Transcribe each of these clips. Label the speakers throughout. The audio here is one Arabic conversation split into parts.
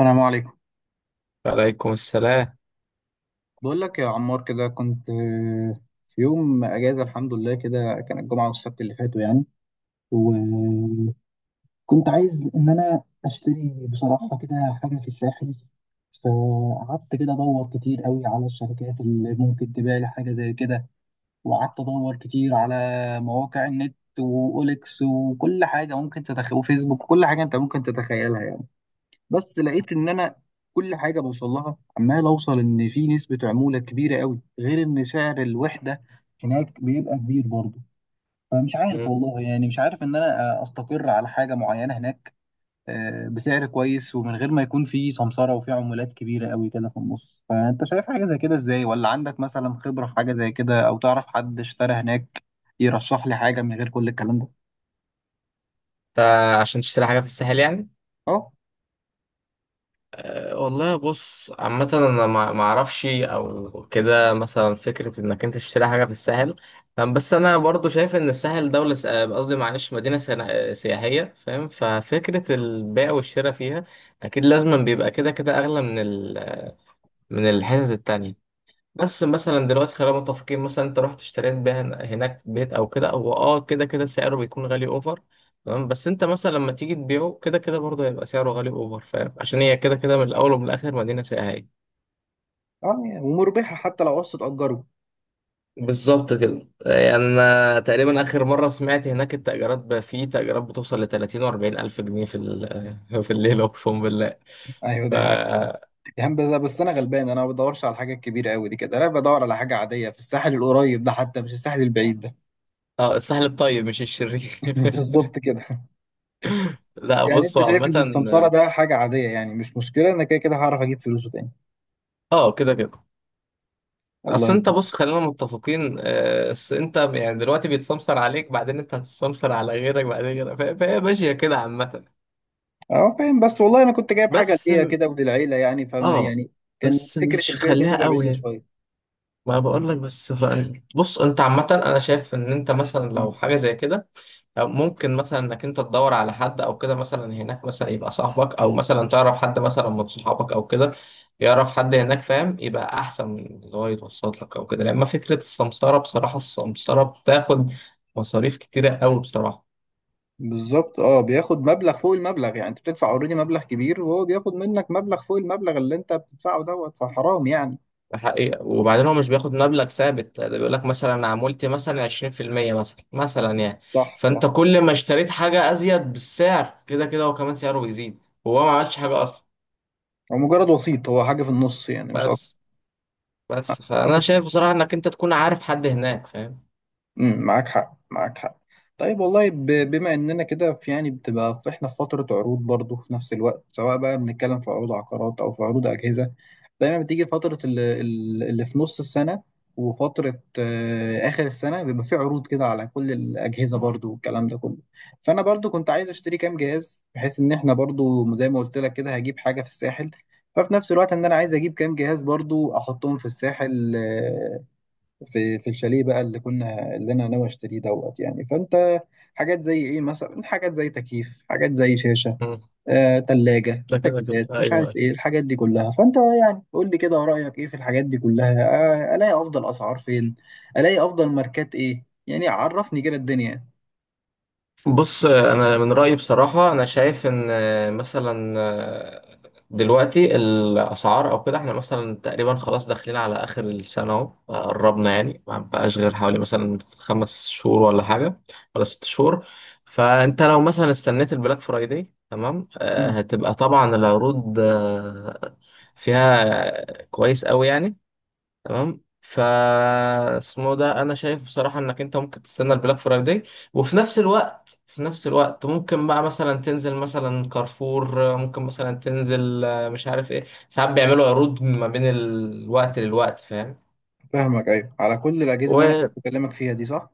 Speaker 1: السلام عليكم.
Speaker 2: وعليكم السلام.
Speaker 1: بقول لك يا عمار كده كنت في يوم اجازه، الحمد لله كده، كان الجمعه والسبت اللي فاتوا يعني. وكنت عايز ان انا اشتري بصراحه كده حاجه في الساحل. فقعدت كده ادور كتير قوي على الشركات اللي ممكن تبيع لي حاجه زي كده. وقعدت ادور كتير على مواقع النت واوليكس وكل حاجه ممكن تتخيل وفيسبوك وكل حاجه انت ممكن تتخيلها يعني. بس لقيت ان انا كل حاجه بوصل لها عمال اوصل ان في نسبه عموله كبيره قوي غير ان سعر الوحده هناك بيبقى كبير برضه. فمش عارف
Speaker 2: مم.
Speaker 1: والله يعني، مش عارف ان انا استقر على حاجه معينه هناك بسعر كويس ومن غير ما يكون في سمسره وفي عمولات كبيره قوي كده في النص. فانت شايف حاجه زي كده ازاي؟ ولا عندك مثلا خبره في حاجه زي كده؟ او تعرف حد اشترى هناك يرشح لي حاجه من غير كل الكلام ده؟
Speaker 2: انت عشان تشتري حاجة في الساحل يعني؟
Speaker 1: اه.
Speaker 2: والله بص عامة انا ما اعرفش او كده مثلا فكرة انك انت تشتري حاجة في الساحل. بس انا برضو شايف ان الساحل دولة س- أه، قصدي معلش مدينة سياحية فاهم، ففكرة البيع والشراء فيها اكيد لازم بيبقى كده كده اغلى من الحتت التانية. بس مثلا دلوقتي خلينا متفقين مثلا انت رحت اشتريت بيها هناك بيت او كده، هو كده كده سعره بيكون غالي اوفر. تمام، بس انت مثلا لما تيجي تبيعه كده كده برضه هيبقى سعره غالي اوفر فاهم، عشان هي كده كده من الاول ومن الاخر مدينة سياحية.
Speaker 1: اه ومربحه حتى لو قسط اجره.
Speaker 2: بالظبط كده، يعني أنا تقريبا آخر مرة سمعت هناك التأجيرات، بقى في تأجيرات بتوصل ل 30 و 40 ألف جنيه في الليلة أقسم بالله.
Speaker 1: ايوه
Speaker 2: ف
Speaker 1: دي حاجه يعني. بس انا غلبان، انا ما بدورش على الحاجه الكبيره قوي دي كده، انا بدور على حاجه عاديه في الساحل القريب ده، حتى مش الساحل البعيد ده.
Speaker 2: اه، السهل الطيب مش الشرير.
Speaker 1: بالظبط كده.
Speaker 2: لا،
Speaker 1: يعني انت
Speaker 2: بصوا
Speaker 1: شايف ان السمساره
Speaker 2: عامة،
Speaker 1: ده حاجه عاديه؟ يعني مش مشكله، انا كده كده هعرف اجيب فلوسه تاني.
Speaker 2: اه كده كده. اصل
Speaker 1: والله.
Speaker 2: انت بص خلينا متفقين، اصل انت يعني دلوقتي بيتسمسر عليك، بعدين انت هتتسمسر على غيرك، بعدين غيرك، فهي ماشيه كده عامه.
Speaker 1: اه فاهم، بس والله انا كنت جايب حاجه
Speaker 2: بس
Speaker 1: ليا
Speaker 2: م-
Speaker 1: كده وللعيله يعني، فاهم
Speaker 2: اه
Speaker 1: يعني، كان
Speaker 2: بس
Speaker 1: فكره
Speaker 2: مش
Speaker 1: البيع دي
Speaker 2: خليها
Speaker 1: هتبقى
Speaker 2: قوي
Speaker 1: بعيده
Speaker 2: يعني.
Speaker 1: شويه.
Speaker 2: ما انا بقول لك بس، بص انت عامه انا شايف ان انت مثلا
Speaker 1: مم.
Speaker 2: لو حاجه زي كده، أو ممكن مثلا انك انت تدور على حد او كده مثلا هناك، مثلا يبقى صاحبك او مثلا تعرف حد مثلا من صحابك او كده يعرف حد هناك فاهم، يبقى احسن من اللي هو يتوسط لك او كده، لان فكره السمسره بصراحه، السمسره بتاخد مصاريف كتيره قوي بصراحه.
Speaker 1: بالظبط، اه بياخد مبلغ فوق المبلغ، يعني انت بتدفع اوريدي مبلغ كبير وهو بياخد منك مبلغ فوق المبلغ اللي انت بتدفعه دوت، فحرام يعني.
Speaker 2: ده حقيقة، وبعدين هو مش بياخد مبلغ ثابت، ده بيقول لك مثلا عمولتي مثلا 20%، مثلا يعني.
Speaker 1: صح
Speaker 2: فانت
Speaker 1: صح.
Speaker 2: كل ما اشتريت حاجه ازيد بالسعر كده كده، هو كمان سعره بيزيد، وهو ما عملش حاجه اصلا.
Speaker 1: هو مجرد وسيط، هو حاجه في النص يعني، مش...
Speaker 2: بس بس فانا
Speaker 1: اتفق.
Speaker 2: شايف بصراحه انك انت تكون عارف حد هناك فاهم.
Speaker 1: معاك حق معاك حق. طيب والله بما اننا كده في، يعني بتبقى في، احنا في فتره عروض برضه في نفس الوقت، سواء بقى بنتكلم في عروض عقارات او في عروض اجهزه، دايما بتيجي فتره اللي في نص السنه وفتره اخر السنه بيبقى في عروض كده على كل الاجهزه برضه والكلام ده كله. فانا برضه كنت عايز اشتري كام جهاز، بحيث ان احنا برضه زي ما قلت لك كده هجيب حاجه في الساحل، ففي نفس الوقت ان انا عايز اجيب كام جهاز برضو احطهم في الساحل، في الشاليه بقى اللي انا ناوي اشتريه دوت يعني. فانت حاجات زي ايه، مثلا حاجات زي تكييف، حاجات زي شاشه،
Speaker 2: مم.
Speaker 1: تلاجة،
Speaker 2: ده كده كده،
Speaker 1: تجهيزات،
Speaker 2: ايوه
Speaker 1: مش عارف
Speaker 2: أيوة.
Speaker 1: ايه الحاجات دي كلها. فانت يعني قول لي كده رأيك ايه في الحاجات دي كلها، الاقي افضل اسعار فين، الاقي افضل ماركات ايه، يعني عرفني كده الدنيا.
Speaker 2: بص انا من رايي بصراحه انا شايف ان مثلا دلوقتي الاسعار او كده، احنا مثلا تقريبا خلاص داخلين على اخر السنه اهو، قربنا يعني ما بقاش غير حوالي مثلا 5 شهور ولا حاجه، ولا 6 شهور. فانت لو مثلا استنيت البلاك فرايداي تمام،
Speaker 1: مم.
Speaker 2: هتبقى طبعا العروض فيها كويس قوي يعني. تمام. اسمه ده، انا شايف بصراحه انك انت ممكن تستنى البلاك فرايداي، وفي نفس الوقت ممكن بقى مثلا تنزل مثلا كارفور، ممكن مثلا تنزل مش عارف ايه. ساعات بيعملوا عروض ما بين الوقت للوقت فاهم.
Speaker 1: فاهمك ايوه، على كل الاجهزه اللي انا كنت
Speaker 2: و
Speaker 1: بكلمك فيها دي، صح.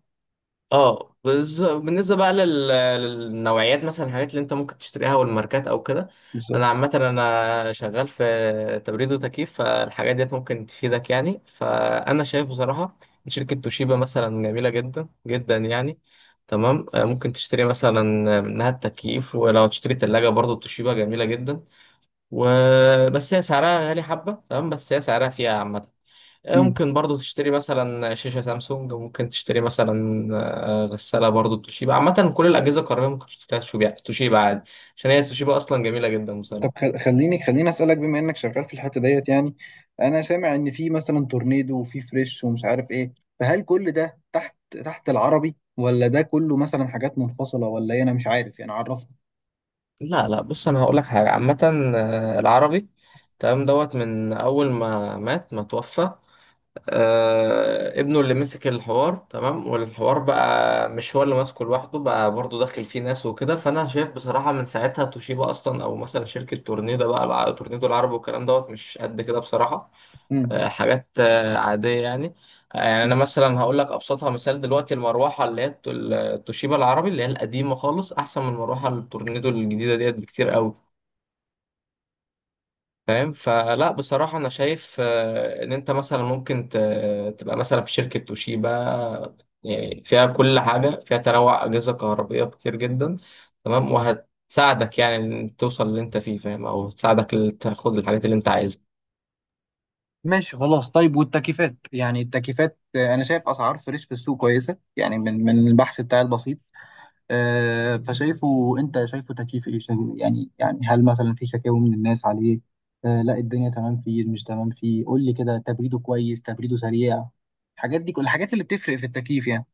Speaker 2: بالنسبه بقى للنوعيات، مثلا الحاجات اللي انت ممكن تشتريها والماركات او كده. انا
Speaker 1: بالظبط.
Speaker 2: عامه انا شغال في تبريد وتكييف، فالحاجات ديت ممكن تفيدك يعني، فانا شايف بصراحه إن شركه توشيبا مثلا جميله جدا جدا يعني. تمام، ممكن تشتري مثلا منها التكييف، ولو تشتري تلاجة برضو توشيبا جميله جدا. وبس هي سعرها غالي حبه تمام، بس هي سعرها فيها عامه.
Speaker 1: مم.
Speaker 2: ممكن برضو تشتري مثلا شاشة سامسونج، ممكن تشتري مثلا غسالة برضو توشيبا. عامة كل الأجهزة الكهربائية ممكن تشتريها توشيبا، توشيبا عادي، عشان هي توشيبا أصلا جميلة جدا
Speaker 1: طب
Speaker 2: بصراحة.
Speaker 1: خليني اسالك بما انك شغال في الحته ديت يعني، انا سامع ان في مثلا تورنيدو وفي فريش ومش عارف ايه، فهل كل ده تحت تحت العربي؟ ولا ده كله مثلا حاجات منفصله ولا ايه؟ انا مش عارف يعني، عرفني.
Speaker 2: لا لا، بص أنا هقول لك حاجة عامة. العربي تمام دوت، من أول ما مات ما توفى، ابنه اللي مسك الحوار تمام، والحوار بقى مش هو اللي ماسكه لوحده، بقى برضو داخل فيه ناس وكده، فأنا شايف بصراحة من ساعتها توشيبا أصلا، أو مثلا شركة تورنيدو بقى تورنيدو العربي والكلام دوت مش قد كده بصراحة.
Speaker 1: مم.
Speaker 2: حاجات عادية يعني. يعني أنا مثلا هقول لك أبسطها مثال، دلوقتي المروحة اللي هي التوشيبا العربي اللي هي القديمة خالص، أحسن من المروحة التورنيدو الجديدة ديت بكتير قوي فاهم. فلا بصراحة أنا شايف إن أنت مثلا ممكن تبقى مثلا في شركة توشيبا، يعني فيها كل حاجة، فيها تنوع أجهزة كهربائية كتير جدا. تمام، وهتساعدك يعني إن توصل اللي أنت فيه فاهم، أو تساعدك تاخد الحاجات اللي أنت عايزها.
Speaker 1: ماشي خلاص. طيب والتكييفات، يعني التكييفات انا شايف اسعار فريش في السوق كويسه يعني، من البحث بتاعي البسيط، فشايفه، انت شايفه تكييف ايه يعني يعني هل مثلا في شكاوي من الناس عليه؟ لا الدنيا تمام فيه، مش تمام فيه، قول لي كده تبريده كويس، تبريده سريع، الحاجات دي، كل الحاجات اللي بتفرق في التكييف يعني.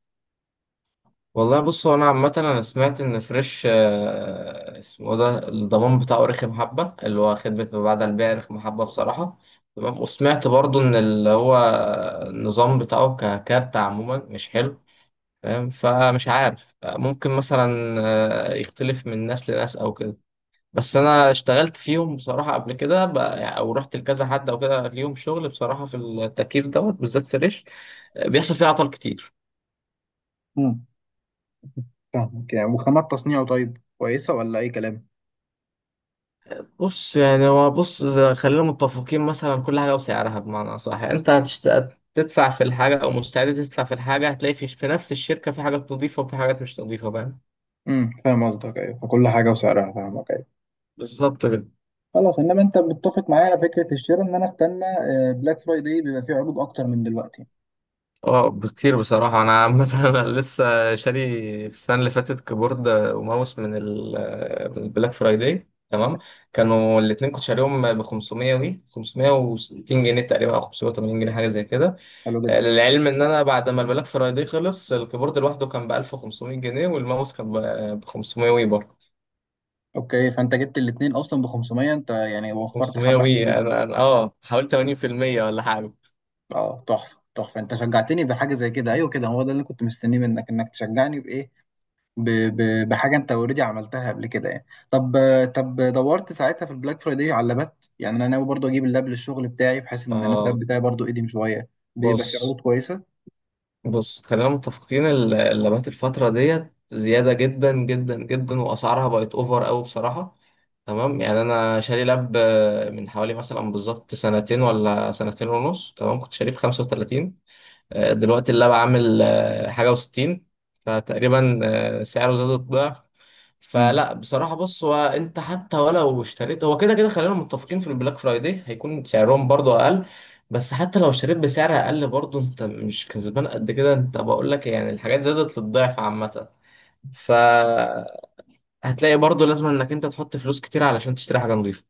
Speaker 2: والله بص، هو انا عامه انا سمعت ان فريش اسمه إيه ده، الضمان بتاعه رخم حبه، اللي هو خدمه ما بعد البيع رخم حبه بصراحه. تمام، وسمعت برضو ان اللي هو النظام بتاعه ككارت عموما مش حلو فاهم. فمش عارف، ممكن مثلا يختلف من ناس لناس او كده. بس انا اشتغلت فيهم بصراحه قبل كده، يعني او رحت لكذا حد او كده ليهم شغل بصراحه، في التكييف دوت بالذات فريش بيحصل فيه اعطال كتير.
Speaker 1: امم. فاهمك يعني، وخامات تصنيعه طيب كويسة ولا أي كلام؟
Speaker 2: بص يعني هو بص خلينا متفقين مثلا كل حاجة وسعرها بمعنى صح، يعني انت تدفع في الحاجة او مستعد تدفع في الحاجة، هتلاقي في نفس الشركة في حاجات نظيفة وفي حاجات مش نظيفة فاهم.
Speaker 1: امم، فاهم قصدك. أيوة، فكل حاجة وسعرها، فاهمك أيوة.
Speaker 2: بالظبط كده.
Speaker 1: خلاص، انما انت متفق معايا على فكره الشراء ان انا استنى بلاك فرايداي، بيبقى فيه عروض اكتر من دلوقتي.
Speaker 2: اه بكتير بصراحة. أنا عامة أنا لسه شاري في السنة اللي فاتت كيبورد وماوس من البلاك فرايداي تمام. كانوا الاتنين كنت شاريهم ب 500 وي 560 جنيه تقريبا، أو 580 جنيه حاجة زي كده.
Speaker 1: حلو جدا.
Speaker 2: للعلم ان انا بعد ما البلاك فرايداي خلص، الكيبورد لوحده كان ب 1500 جنيه، والماوس كان ب 500 وي برضه
Speaker 1: اوكي، فانت جبت الاثنين اصلا ب 500، انت يعني وفرت
Speaker 2: 500
Speaker 1: حبه،
Speaker 2: وي.
Speaker 1: حلوين.
Speaker 2: انا أنا- اه حوالي 80% ولا حاجه.
Speaker 1: اه تحفه تحفه، انت شجعتني بحاجه زي كده، ايوه كده هو ده اللي كنت مستنيه منك، انك تشجعني بايه، بحاجه انت اوريدي عملتها قبل كده يعني. طب طب دورت ساعتها في البلاك فرايداي على لابات يعني، انا ناوي برضو اجيب اللاب للشغل بتاعي بحيث ان انا
Speaker 2: اه
Speaker 1: اللاب بتاعي برضو قديم شويه، بيبقى فيه
Speaker 2: بص
Speaker 1: عروض كويسه.
Speaker 2: بص خلينا متفقين، اللابات الفتره ديت زياده جدا جدا جدا، واسعارها بقت اوفر قوي بصراحه. تمام، يعني انا شاري لاب من حوالي مثلا بالظبط سنتين ولا سنتين ونص تمام، كنت شاريه ب 35. دلوقتي اللاب عامل حاجة وستين، فتقريبا سعره زاد الضعف. فلا بصراحة بص، هو انت حتى ولو اشتريت هو كده كده خلينا متفقين في البلاك فرايداي هيكون سعرهم برضو اقل. بس حتى لو اشتريت بسعر اقل، برضو انت مش كسبان قد كده، انت بقول لك يعني الحاجات زادت للضعف عامة. فهتلاقي برضو لازم انك انت تحط فلوس كتير علشان تشتري حاجة نظيفة.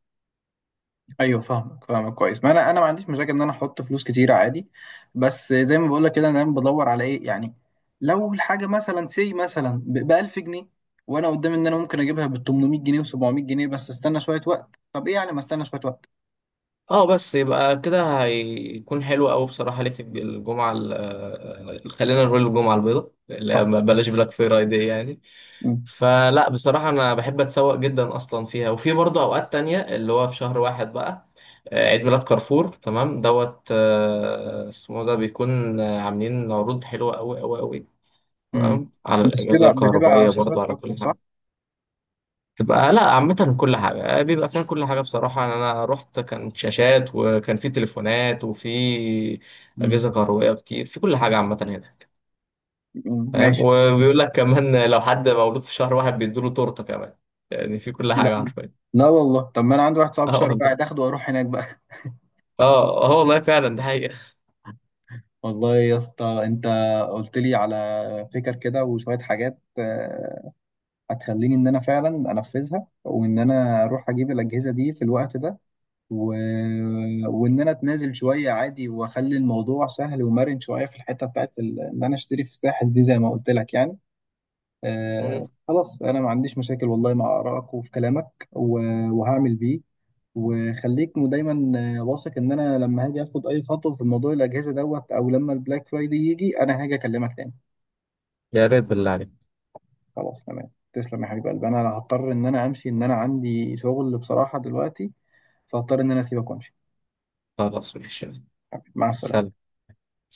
Speaker 1: ايوه فاهمك فاهمك كويس، ما انا ما عنديش مشاكل ان انا احط فلوس كتير عادي. بس زي ما بقول لك كده، انا دايما بدور على ايه يعني، لو الحاجه مثلا سي مثلا ب 1000 جنيه، وانا قدامي ان انا ممكن اجيبها ب 800 جنيه و700 جنيه، بس استنى شويه وقت، طب ايه يعني؟ ما استنى شويه وقت.
Speaker 2: اه بس يبقى كده هيكون حلو قوي بصراحة ليك الجمعة خلينا نقول الجمعة البيضاء، لا
Speaker 1: صح.
Speaker 2: بلاش بلاك فرايداي يعني.
Speaker 1: امم.
Speaker 2: فلا بصراحة أنا بحب أتسوق جدا أصلا فيها، وفي برضه أوقات تانية اللي هو في شهر واحد بقى عيد ميلاد كارفور تمام دوت، اسمه ده بيكون عاملين عروض حلوة قوي قوي قوي.
Speaker 1: أمم.
Speaker 2: تمام، على
Speaker 1: بس
Speaker 2: الأجهزة
Speaker 1: بتبقى
Speaker 2: الكهربائية
Speaker 1: شاشات
Speaker 2: برضه، على
Speaker 1: اكتر،
Speaker 2: كل
Speaker 1: صح.
Speaker 2: حاجة. تبقى لا، عامة كل حاجة بيبقى فيها، كل حاجة بصراحة، يعني أنا رحت كانت شاشات وكان في تليفونات وفي
Speaker 1: امم.
Speaker 2: أجهزة كهربائية كتير، في كل حاجة عامة هنا
Speaker 1: أمم،
Speaker 2: فاهم.
Speaker 1: ماشي.
Speaker 2: وبيقول لك كمان لو حد مولود في شهر واحد بيدوله تورتة كمان، يعني في كل
Speaker 1: لا
Speaker 2: حاجة حرفيا.
Speaker 1: لا والله، طب ما انا عندي واحد صاحبي
Speaker 2: اه
Speaker 1: شهر، قاعد
Speaker 2: والله.
Speaker 1: اخده واروح هناك بقى.
Speaker 2: اه اه والله فعلا ده حقيقة.
Speaker 1: والله يا اسطى انت قلت لي على فكر كده، وشويه حاجات هتخليني ان انا فعلا انفذها، وان انا اروح اجيب الاجهزه دي في الوقت ده، و... وان انا اتنازل شويه عادي، واخلي الموضوع سهل ومرن شويه في الحته بتاعت ان انا اشتري في الساحل دي زي ما قلت لك يعني. آه
Speaker 2: مم.
Speaker 1: خلاص، انا ما عنديش مشاكل والله مع ارائك وفي كلامك وهعمل بيه. وخليك دايما واثق ان انا لما هاجي اخد اي خطوه في موضوع الاجهزه دوت او لما البلاك فرايدي يجي انا هاجي اكلمك تاني.
Speaker 2: يا ريت بالله عليك.
Speaker 1: خلاص تمام، تسلم يا حبيب قلبي. انا هضطر ان انا امشي، ان انا عندي شغل بصراحة دلوقتي، فهضطر ان انا اسيبك وامشي.
Speaker 2: خلاص ماشي.
Speaker 1: مع السلامة.
Speaker 2: سلام.